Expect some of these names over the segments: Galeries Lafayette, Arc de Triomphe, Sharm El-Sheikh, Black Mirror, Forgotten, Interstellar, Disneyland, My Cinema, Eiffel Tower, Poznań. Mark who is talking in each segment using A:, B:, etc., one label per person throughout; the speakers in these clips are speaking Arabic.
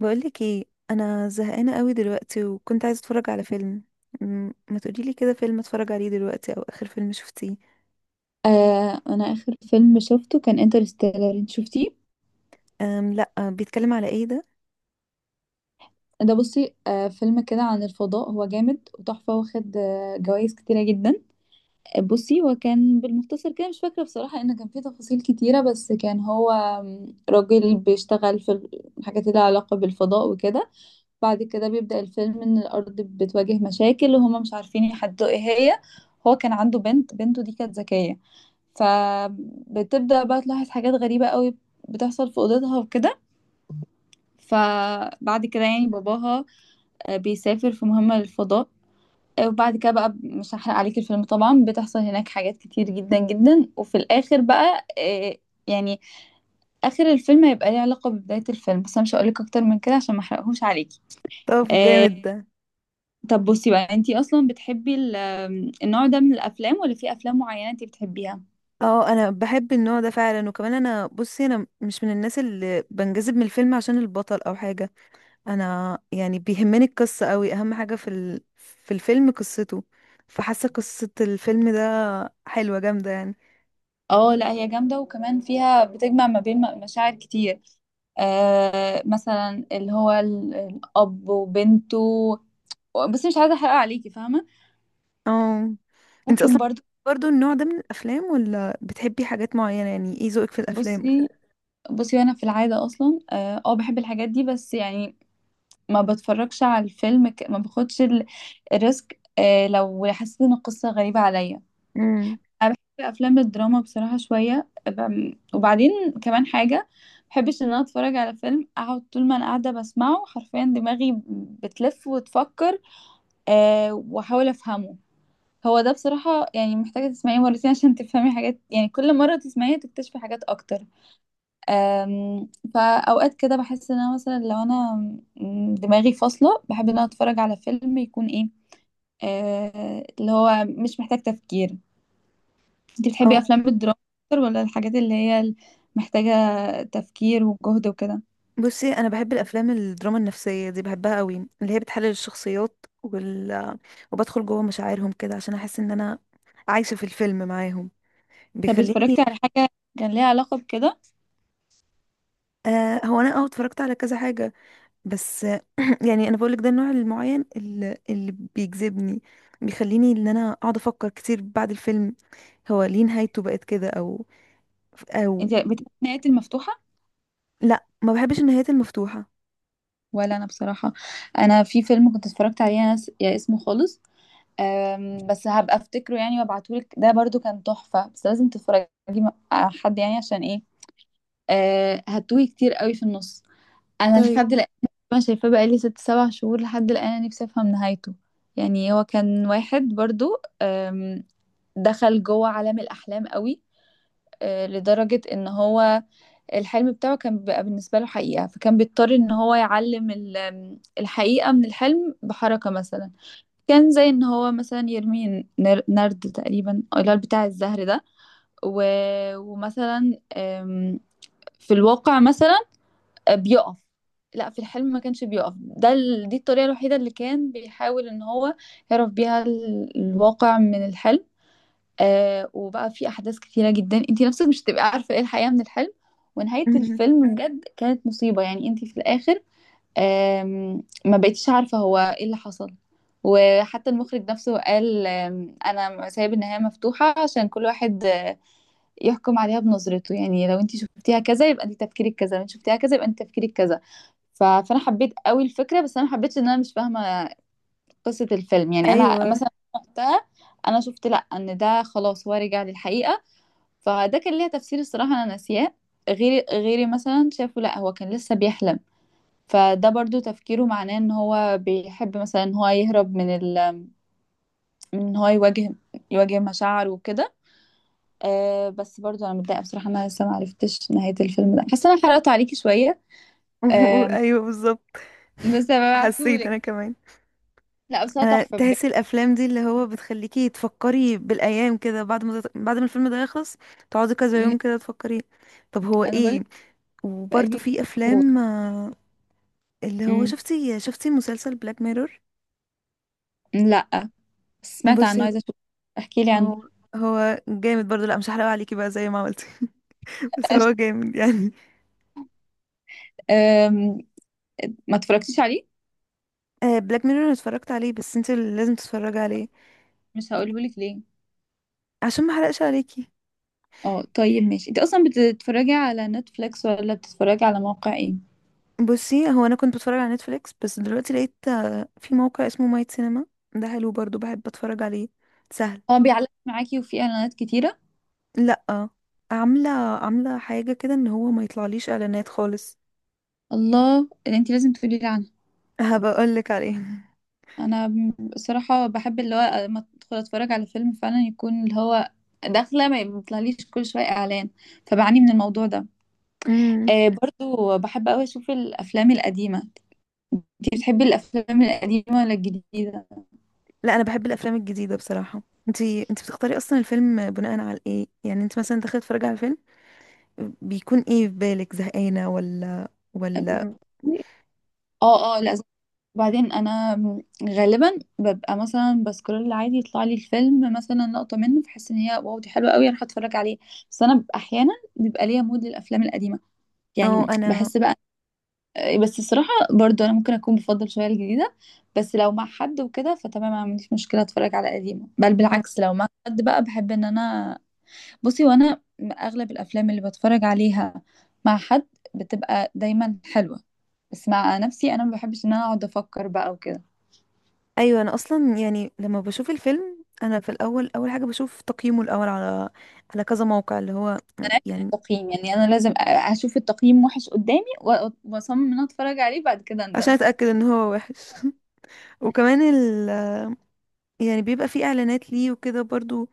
A: بقولك ايه؟ انا زهقانه قوي دلوقتي وكنت عايزه اتفرج على فيلم. ما تقوليلي كده فيلم اتفرج عليه دلوقتي او اخر فيلم شفتيه؟
B: آه، انا اخر فيلم شفته كان انترستيلر. انت شفتيه؟
A: أم، لا، بيتكلم على ايه ده؟
B: ده بصي، فيلم كده عن الفضاء. هو جامد وتحفه، واخد جوائز كتيره جدا. بصي، هو كان بالمختصر كده. مش فاكره بصراحه ان كان فيه تفاصيل كتيره، بس كان هو راجل بيشتغل في الحاجات اللي لها علاقه بالفضاء وكده. بعد كده بيبدا الفيلم ان الارض بتواجه مشاكل، وهما مش عارفين يحددوا ايه هي. هو كان عنده بنت، بنته دي كانت ذكيه، فبتبدا بقى تلاحظ حاجات غريبه قوي بتحصل في اوضتها وكده. فبعد كده يعني باباها بيسافر في مهمة للفضاء. وبعد كده بقى مش هحرق عليك الفيلم طبعا. بتحصل هناك حاجات كتير جدا جدا، وفي الآخر بقى يعني آخر الفيلم هيبقى ليه علاقة ببداية الفيلم. بس أنا مش هقولك أكتر من كده عشان ما أحرقهوش عليكي.
A: طب جامد ده.
B: طب بصي بقى، انتي أصلا بتحبي ال- آم، النوع ده من الأفلام، ولا في أفلام معينة انتي بتحبيها؟
A: اه، انا بحب النوع ده فعلا، وكمان انا بصي، انا مش من الناس اللي بنجذب من الفيلم عشان البطل او حاجه. انا يعني بيهمني القصه قوي، اهم حاجه في الفيلم قصته. فحاسه قصه الفيلم ده حلوه جامده يعني.
B: اه لا، هي جامدة، وكمان فيها بتجمع ما بين مشاعر كتير. مثلا اللي هو الأب وبنته. بس مش عايزة أحرق عليكي، فاهمة.
A: اه انت
B: ممكن
A: اصلا
B: برضو.
A: برضو النوع ده من الافلام، ولا بتحبي حاجات معينه؟ يعني ايه ذوقك في الافلام؟
B: بصي بصي، وأنا في العادة أصلا اه، بحب الحاجات دي، بس يعني ما بتفرجش على الفيلم ما باخدش الريسك لو حسيت إن القصة غريبة عليا.
A: امم،
B: في أفلام الدراما بصراحة شوية، وبعدين كمان حاجة، بحبش إن أنا أتفرج على فيلم أقعد طول ما أنا قاعدة بسمعه، حرفيا دماغي بتلف وتفكر وأحاول أفهمه. هو ده بصراحة يعني محتاجة تسمعيه مرتين عشان تفهمي حاجات، يعني كل مرة تسمعيه تكتشفي حاجات أكتر. أم، فأوقات كده بحس إن أنا مثلا لو أنا دماغي فاصلة، بحب إن أنا أتفرج على فيلم يكون إيه، اللي هو مش محتاج تفكير. أنت
A: او.
B: بتحبي أفلام الدراما أكتر، ولا الحاجات اللي هي محتاجة تفكير وجهد وكده؟
A: بصي انا بحب الافلام الدراما النفسيه دي، بحبها قوي، اللي هي بتحلل الشخصيات، وبدخل جوه مشاعرهم كده عشان احس ان انا عايشه في الفيلم معاهم.
B: طب
A: بيخليني.
B: اتفرجتي على حاجة كان ليها علاقة بكده؟
A: آه، هو انا اه اتفرجت على كذا حاجه، بس يعني انا بقولك ده النوع المعين اللي بيجذبني، بيخليني ان انا اقعد افكر كتير بعد الفيلم، هو ليه نهايته بقت كده، او او.
B: أنت بتحبي النهايات المفتوحة؟
A: لا، ما بحبش النهايات المفتوحة.
B: ولا أنا بصراحة. أنا في فيلم كنت اتفرجت عليه أنا، يا اسمه خالص. بس هبقى افتكره يعني وابعتهولك، ده برضو كان تحفة. بس لازم تتفرجي مع حد يعني، عشان ايه؟ هتوهي كتير قوي في النص. انا
A: طيب.
B: لحد الان ما شايفاه بقالي 6 7 شهور، لحد الان انا نفسي افهم نهايته. يعني هو كان واحد برضو، دخل جوه عالم الاحلام قوي، لدرجة ان هو الحلم بتاعه كان بيبقى بالنسبة له حقيقة، فكان بيضطر ان هو يعلم الحقيقة من الحلم بحركة مثلا. كان زي ان هو مثلا يرمي نرد تقريبا، أو اللي هو بتاع الزهر ده. و... ومثلا في الواقع مثلا بيقف. لا، في الحلم ما كانش بيقف، ده دي الطريقة الوحيدة اللي كان بيحاول ان هو يعرف بيها الواقع من الحلم. وبقى في احداث كتيرة جدا، انتي نفسك مش هتبقي عارفة ايه الحقيقة من الحلم. ونهاية
A: مهم.
B: الفيلم بجد كانت مصيبة، يعني انتي في الاخر ما بقيتش عارفة هو ايه اللي حصل. وحتى المخرج نفسه قال انا سايب النهاية مفتوحة عشان كل واحد يحكم عليها بنظرته. يعني لو انت شفتيها كذا يبقى انت تفكيرك كذا، لو انت شفتيها كذا يبقى انت تفكيرك كذا. فانا حبيت قوي الفكرة، بس انا ما حبيتش ان انا مش فاهمة قصة الفيلم. يعني انا
A: ايوه.
B: مثلا وقتها، انا شفت لا ان ده خلاص هو رجع للحقيقة، فده كان ليها تفسير الصراحة انا ناسياه. غيري غيري مثلا شافوا لا هو كان لسه بيحلم، فده برضو تفكيره معناه ان هو بيحب مثلا ان هو يهرب من من ان هو يواجه مشاعره وكده. بس برضو انا متضايقه بصراحه إن انا لسه ما عرفتش نهايه الفيلم ده، حاسه انا حرقته عليكي شويه. آه
A: ايوه بالظبط.
B: بس
A: حسيت
B: هبعتهولك.
A: انا كمان.
B: لا، بس هو
A: انا
B: تحفه بجد.
A: تحسي الافلام دي اللي هو بتخليكي تفكري بالايام كده، بعد ما بعد ما الفيلم ده يخلص، تقعدي كذا
B: أمم،
A: يوم كده تفكري. طب هو
B: انا بقول
A: ايه؟
B: لك،
A: وبرده
B: بقالي
A: في
B: شهور.
A: افلام اللي هو،
B: أمم،
A: شفتي مسلسل بلاك ميرور؟
B: لا، بس سمعت
A: بصي
B: عنه،
A: هو
B: عايزه اشوف. احكي لي عنه.
A: هو هو جامد برضه. لا مش هحرق عليكي بقى زي ما عملتي. بس هو جامد يعني.
B: آه، ما اتفرجتيش عليه؟
A: بلاك ميرور انا اتفرجت عليه، بس انت اللي لازم تتفرجي عليه،
B: مش هقوله لك ليه.
A: عشان ما احرقش عليكي.
B: اه طيب ماشي. انت اصلا بتتفرجي على نتفليكس، ولا بتتفرجي على موقع ايه؟
A: بصي، هو انا كنت بتفرج على نتفليكس، بس دلوقتي لقيت في موقع اسمه مايت سينما. ده حلو برضو، بحب اتفرج عليه، سهل.
B: اه، بيعلق معاكي وفي اعلانات كتيره؟
A: لا، عامله، عامله حاجه كده ان هو ما يطلعليش اعلانات خالص.
B: الله، اللي انت لازم تقولي لي عنها.
A: هبقولك عليه.
B: انا بصراحه بحب اللي هو لما ادخل اتفرج على فيلم فعلا يكون اللي هو داخله ما يطلعليش كل شويه اعلان. فبعاني من الموضوع ده.
A: امم.
B: برضو بحب قوي اشوف الافلام القديمه. انت بتحبي الافلام القديمه ولا الجديده؟
A: لا، انا بحب الافلام الجديده بصراحه. انتي بتختاري اصلا الفيلم بناء على ايه؟ يعني انت مثلا داخله تتفرجي على الفيلم، بيكون ايه في بالك؟ زهقانه، ولا ولا
B: اه اه، لا. وبعدين انا غالبا ببقى مثلا بسكرول عادي، يطلع لي الفيلم مثلا لقطه منه، فحس ان هي واو دي حلوه قوي، انا هتفرج عليه. بس انا ببقى احيانا بيبقى ليا مود للافلام القديمه،
A: اه
B: يعني
A: انا
B: بحس بقى. بس الصراحه برضو انا ممكن اكون بفضل شويه الجديده. بس لو مع حد وكده فتمام، ما عنديش مشكله اتفرج على قديمه، بل بالعكس، لو مع حد بقى بحب ان انا. بصي، وانا اغلب الافلام اللي بتفرج عليها مع حد بتبقى دايما حلوه، بس مع نفسي انا ما بحبش ان انا اقعد افكر بقى وكده.
A: ايوه. انا اصلا يعني لما بشوف الفيلم انا في الاول، اول حاجه بشوف تقييمه الاول على على كذا موقع، اللي هو
B: ملهاش
A: يعني،
B: تقييم يعني، انا لازم اشوف التقييم وحش قدامي واصمم ان أنا اتفرج عليه، بعد كده
A: عشان
B: اندم.
A: اتاكد ان هو وحش. وكمان ال... يعني بيبقى فيه اعلانات ليه وكده برضو،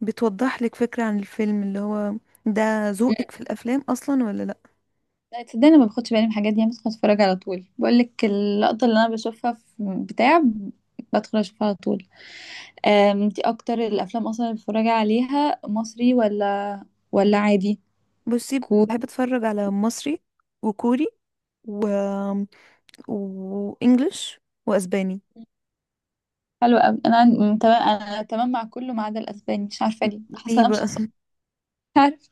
A: بتوضح لك فكره عن الفيلم اللي هو ده
B: مم.
A: ذوقك في الافلام اصلا، ولا لا.
B: لا تصدقني، أنا ما باخدش بالي من الحاجات دي. أنا بدخل اتفرج على طول، بقول لك اللقطه اللي انا بشوفها في بتاع، بدخل اشوفها على طول. انتي اكتر الافلام اصلا اللي بتتفرجي عليها مصري ولا عادي؟
A: بصي،
B: كو-
A: بحب اتفرج على مصري، وكوري، و، وانجلش، واسباني.
B: حلو قوي. انا تمام مع كله، ما عدا الاسباني. مش عارفه ليه، حاسه
A: ليه
B: انا مش شخصيه.
A: بقى؟
B: مش عارف.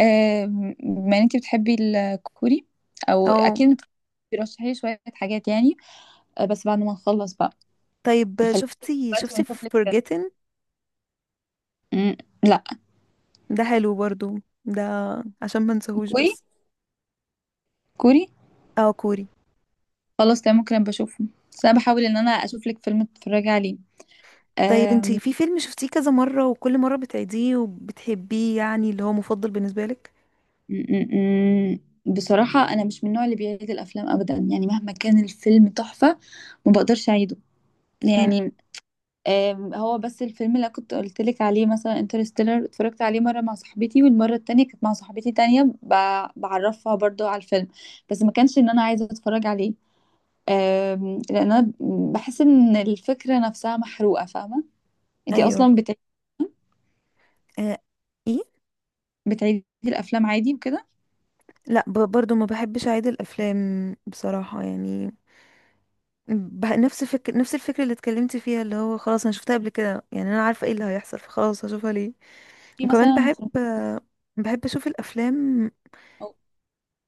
B: بما ان انتي بتحبي الكوري او
A: او.
B: اكيد، بترشحي لي شويه حاجات يعني، بس بعد ما نخلص بقى.
A: طيب
B: خليكي
A: شفتي
B: دلوقتي
A: شفتي
B: ونشوف لك.
A: Forgotten؟
B: مم، لا.
A: ده حلو برضو، ده عشان ما انساهوش
B: كوري
A: بس.
B: كوري؟
A: اه كوري.
B: خلاص تمام، ممكن أبقى اشوفه. بس انا بحاول ان انا اشوف لك فيلم تتفرجي عليه.
A: طيب انتي
B: آم،
A: في فيلم شفتيه كذا مرة، وكل مرة بتعيديه وبتحبيه، يعني اللي هو مفضل بالنسبة لك؟
B: م- م- م. بصراحة انا مش من النوع اللي بيعيد الافلام ابدا. يعني مهما كان الفيلم تحفة، ما بقدرش اعيده
A: امم.
B: يعني. هو بس الفيلم اللي كنت قلت لك عليه مثلا انترستيلر، اتفرجت عليه مرة مع صاحبتي، والمرة التانية كانت مع صاحبتي تانية بعرفها برضو على الفيلم. بس ما كانش ان انا عايزة اتفرج عليه. لان انا بحس ان الفكره نفسها محروقه، فاهمه. انتي
A: ايوه.
B: اصلا
A: آه. ايه.
B: بتعيدي الافلام عادي وكده؟
A: لا، برضو ما بحبش اعيد الافلام بصراحة يعني. نفس الفكرة اللي اتكلمتي فيها، اللي هو خلاص انا شفتها قبل كده، يعني انا عارفة ايه اللي هيحصل، فخلاص هشوفها ليه؟
B: في
A: وكمان
B: مثلا فيلم-
A: بحب، بحب اشوف الافلام
B: أو-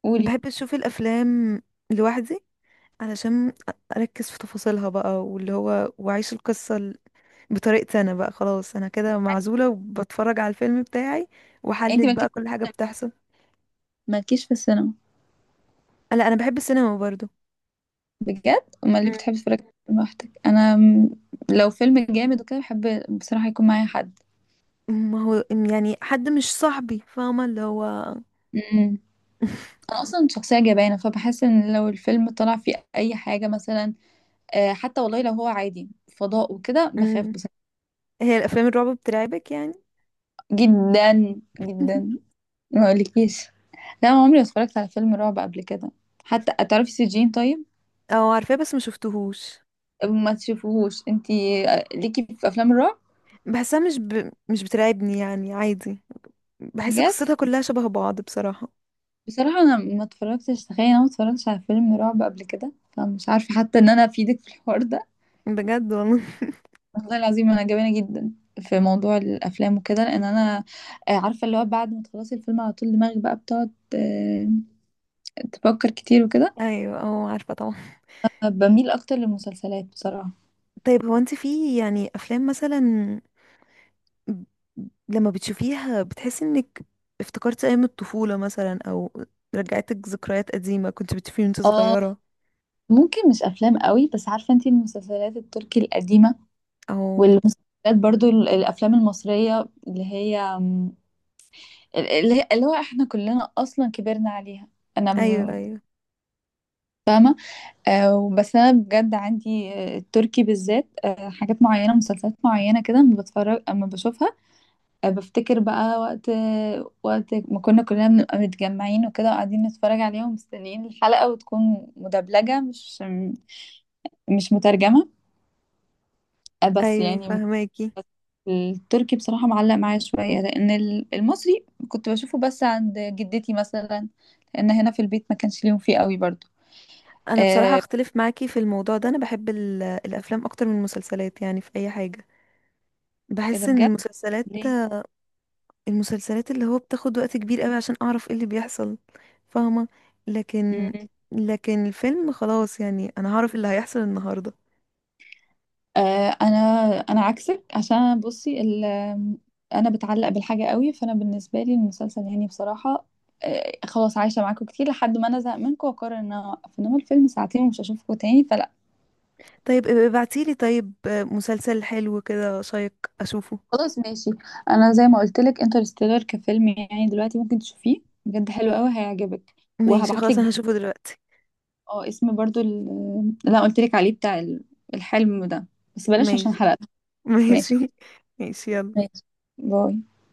B: قولي.
A: بحب اشوف الافلام لوحدي، علشان اركز في تفاصيلها بقى، واللي هو واعيش القصة بطريقتي انا بقى، خلاص انا كده
B: عكس-
A: معزولة وبتفرج على الفيلم بتاعي،
B: يعني انتي
A: واحلل
B: مالكيش
A: بقى كل حاجة بتحصل.
B: مالكيش في السينما؟
A: لا، انا بحب السينما برضو.
B: بجد، امال ليه
A: مم.
B: بتحبي تتفرجي لوحدك؟ انا لو فيلم جامد وكده، بحب بصراحه يكون معايا حد.
A: ما هو يعني حد مش صاحبي، فاهمة اللي هو.
B: امم انا اصلا شخصيه جبانه، فبحس ان لو الفيلم طلع فيه اي حاجه مثلا حتى والله لو هو عادي فضاء وكده، بخاف
A: مم.
B: بصراحه
A: هي الافلام الرعب بترعبك يعني؟
B: جدا جدا، ما اقولكيش. لا، أنا عمري ما اتفرجت على فيلم رعب قبل كده. حتى تعرفي سجين؟ طيب
A: او، عارفاه بس ما شفتهوش.
B: ما تشوفوهوش انتي. ليكي في افلام الرعب؟
A: بحسها مش بترعبني يعني، عادي، بحس
B: بجد،
A: قصتها كلها شبه بعض بصراحة.
B: بصراحة انا ما اتفرجتش، تخيل انا ما اتفرجتش على فيلم رعب قبل كده، فمش عارفة حتى ان انا افيدك في الحوار ده.
A: بجد والله.
B: والله العظيم انا جبانة جدا في موضوع الافلام وكده، لان انا عارفة اللي هو بعد ما تخلصي الفيلم على طول دماغك بقى بتقعد تفكر كتير وكده.
A: ايوه اه عارفة طبعا.
B: بميل اكتر للمسلسلات بصراحة.
A: طيب هو انت في يعني افلام مثلا، ب- لما بتشوفيها بتحسي انك افتكرتي ايام الطفولة مثلا، او رجعتك ذكريات قديمة كنت بتشوفيه وانت
B: اه،
A: صغيرة؟
B: ممكن مش افلام قوي، بس عارفة انتي المسلسلات التركي القديمة،
A: او
B: والمسلسلات، برضو الافلام المصريه اللي هي اللي هو احنا كلنا اصلا كبرنا عليها. انا
A: ايوه ايوه.
B: بس انا بجد عندي التركي بالذات حاجات معينه، مسلسلات معينه كده اما بتفرج اما بشوفها. بفتكر بقى وقت ما كنا كلنا بنبقى متجمعين وكده وقاعدين نتفرج عليهم، مستنيين الحلقه، وتكون مدبلجه مش مترجمه. بس
A: ايوه
B: يعني
A: فهماكي.
B: التركي بصراحة معلق معايا شوية، لأن المصري كنت بشوفه بس عند جدتي مثلا، لأن هنا في البيت ما كانش ليهم فيه قوي برضو.
A: انا بصراحة
B: آه
A: اختلف معاكي في الموضوع ده، انا بحب الافلام اكتر من المسلسلات، يعني في اي حاجة
B: إيه ده
A: بحس ان
B: بجد؟
A: المسلسلات،
B: ليه؟
A: المسلسلات اللي هو بتاخد وقت كبير قوي عشان اعرف ايه اللي بيحصل، فاهمة؟ لكن،
B: مم.
A: لكن الفيلم خلاص يعني، انا هعرف اللي هيحصل النهاردة.
B: آه أنا أنا عكسك عشان بصي أنا بتعلق بالحاجة قوي، فأنا بالنسبة لي المسلسل يعني بصراحة خلاص عايشة معاكم كتير لحد ما أنا زهق منكم وأقرر إن أنا أوقف، إنما الفيلم ساعتين ومش هشوفكم تاني.
A: طيب ابقي ابعتيلي طيب مسلسل حلو كده شيق اشوفه.
B: خلاص ماشي. انا زي ما قلت لك انترستيلر كفيلم يعني دلوقتي ممكن تشوفيه، بجد حلو قوي، هيعجبك.
A: ماشي،
B: وهبعت لك
A: خلاص انا
B: برضه،
A: هشوفه دلوقتي.
B: اه، اسم برضه اللي انا قلت لك عليه، بتاع الحلم ده. بس بلاش عشان
A: ماشي.
B: حرقت. ماشي
A: ماشي. ماشي يلا.
B: ماشي. باي.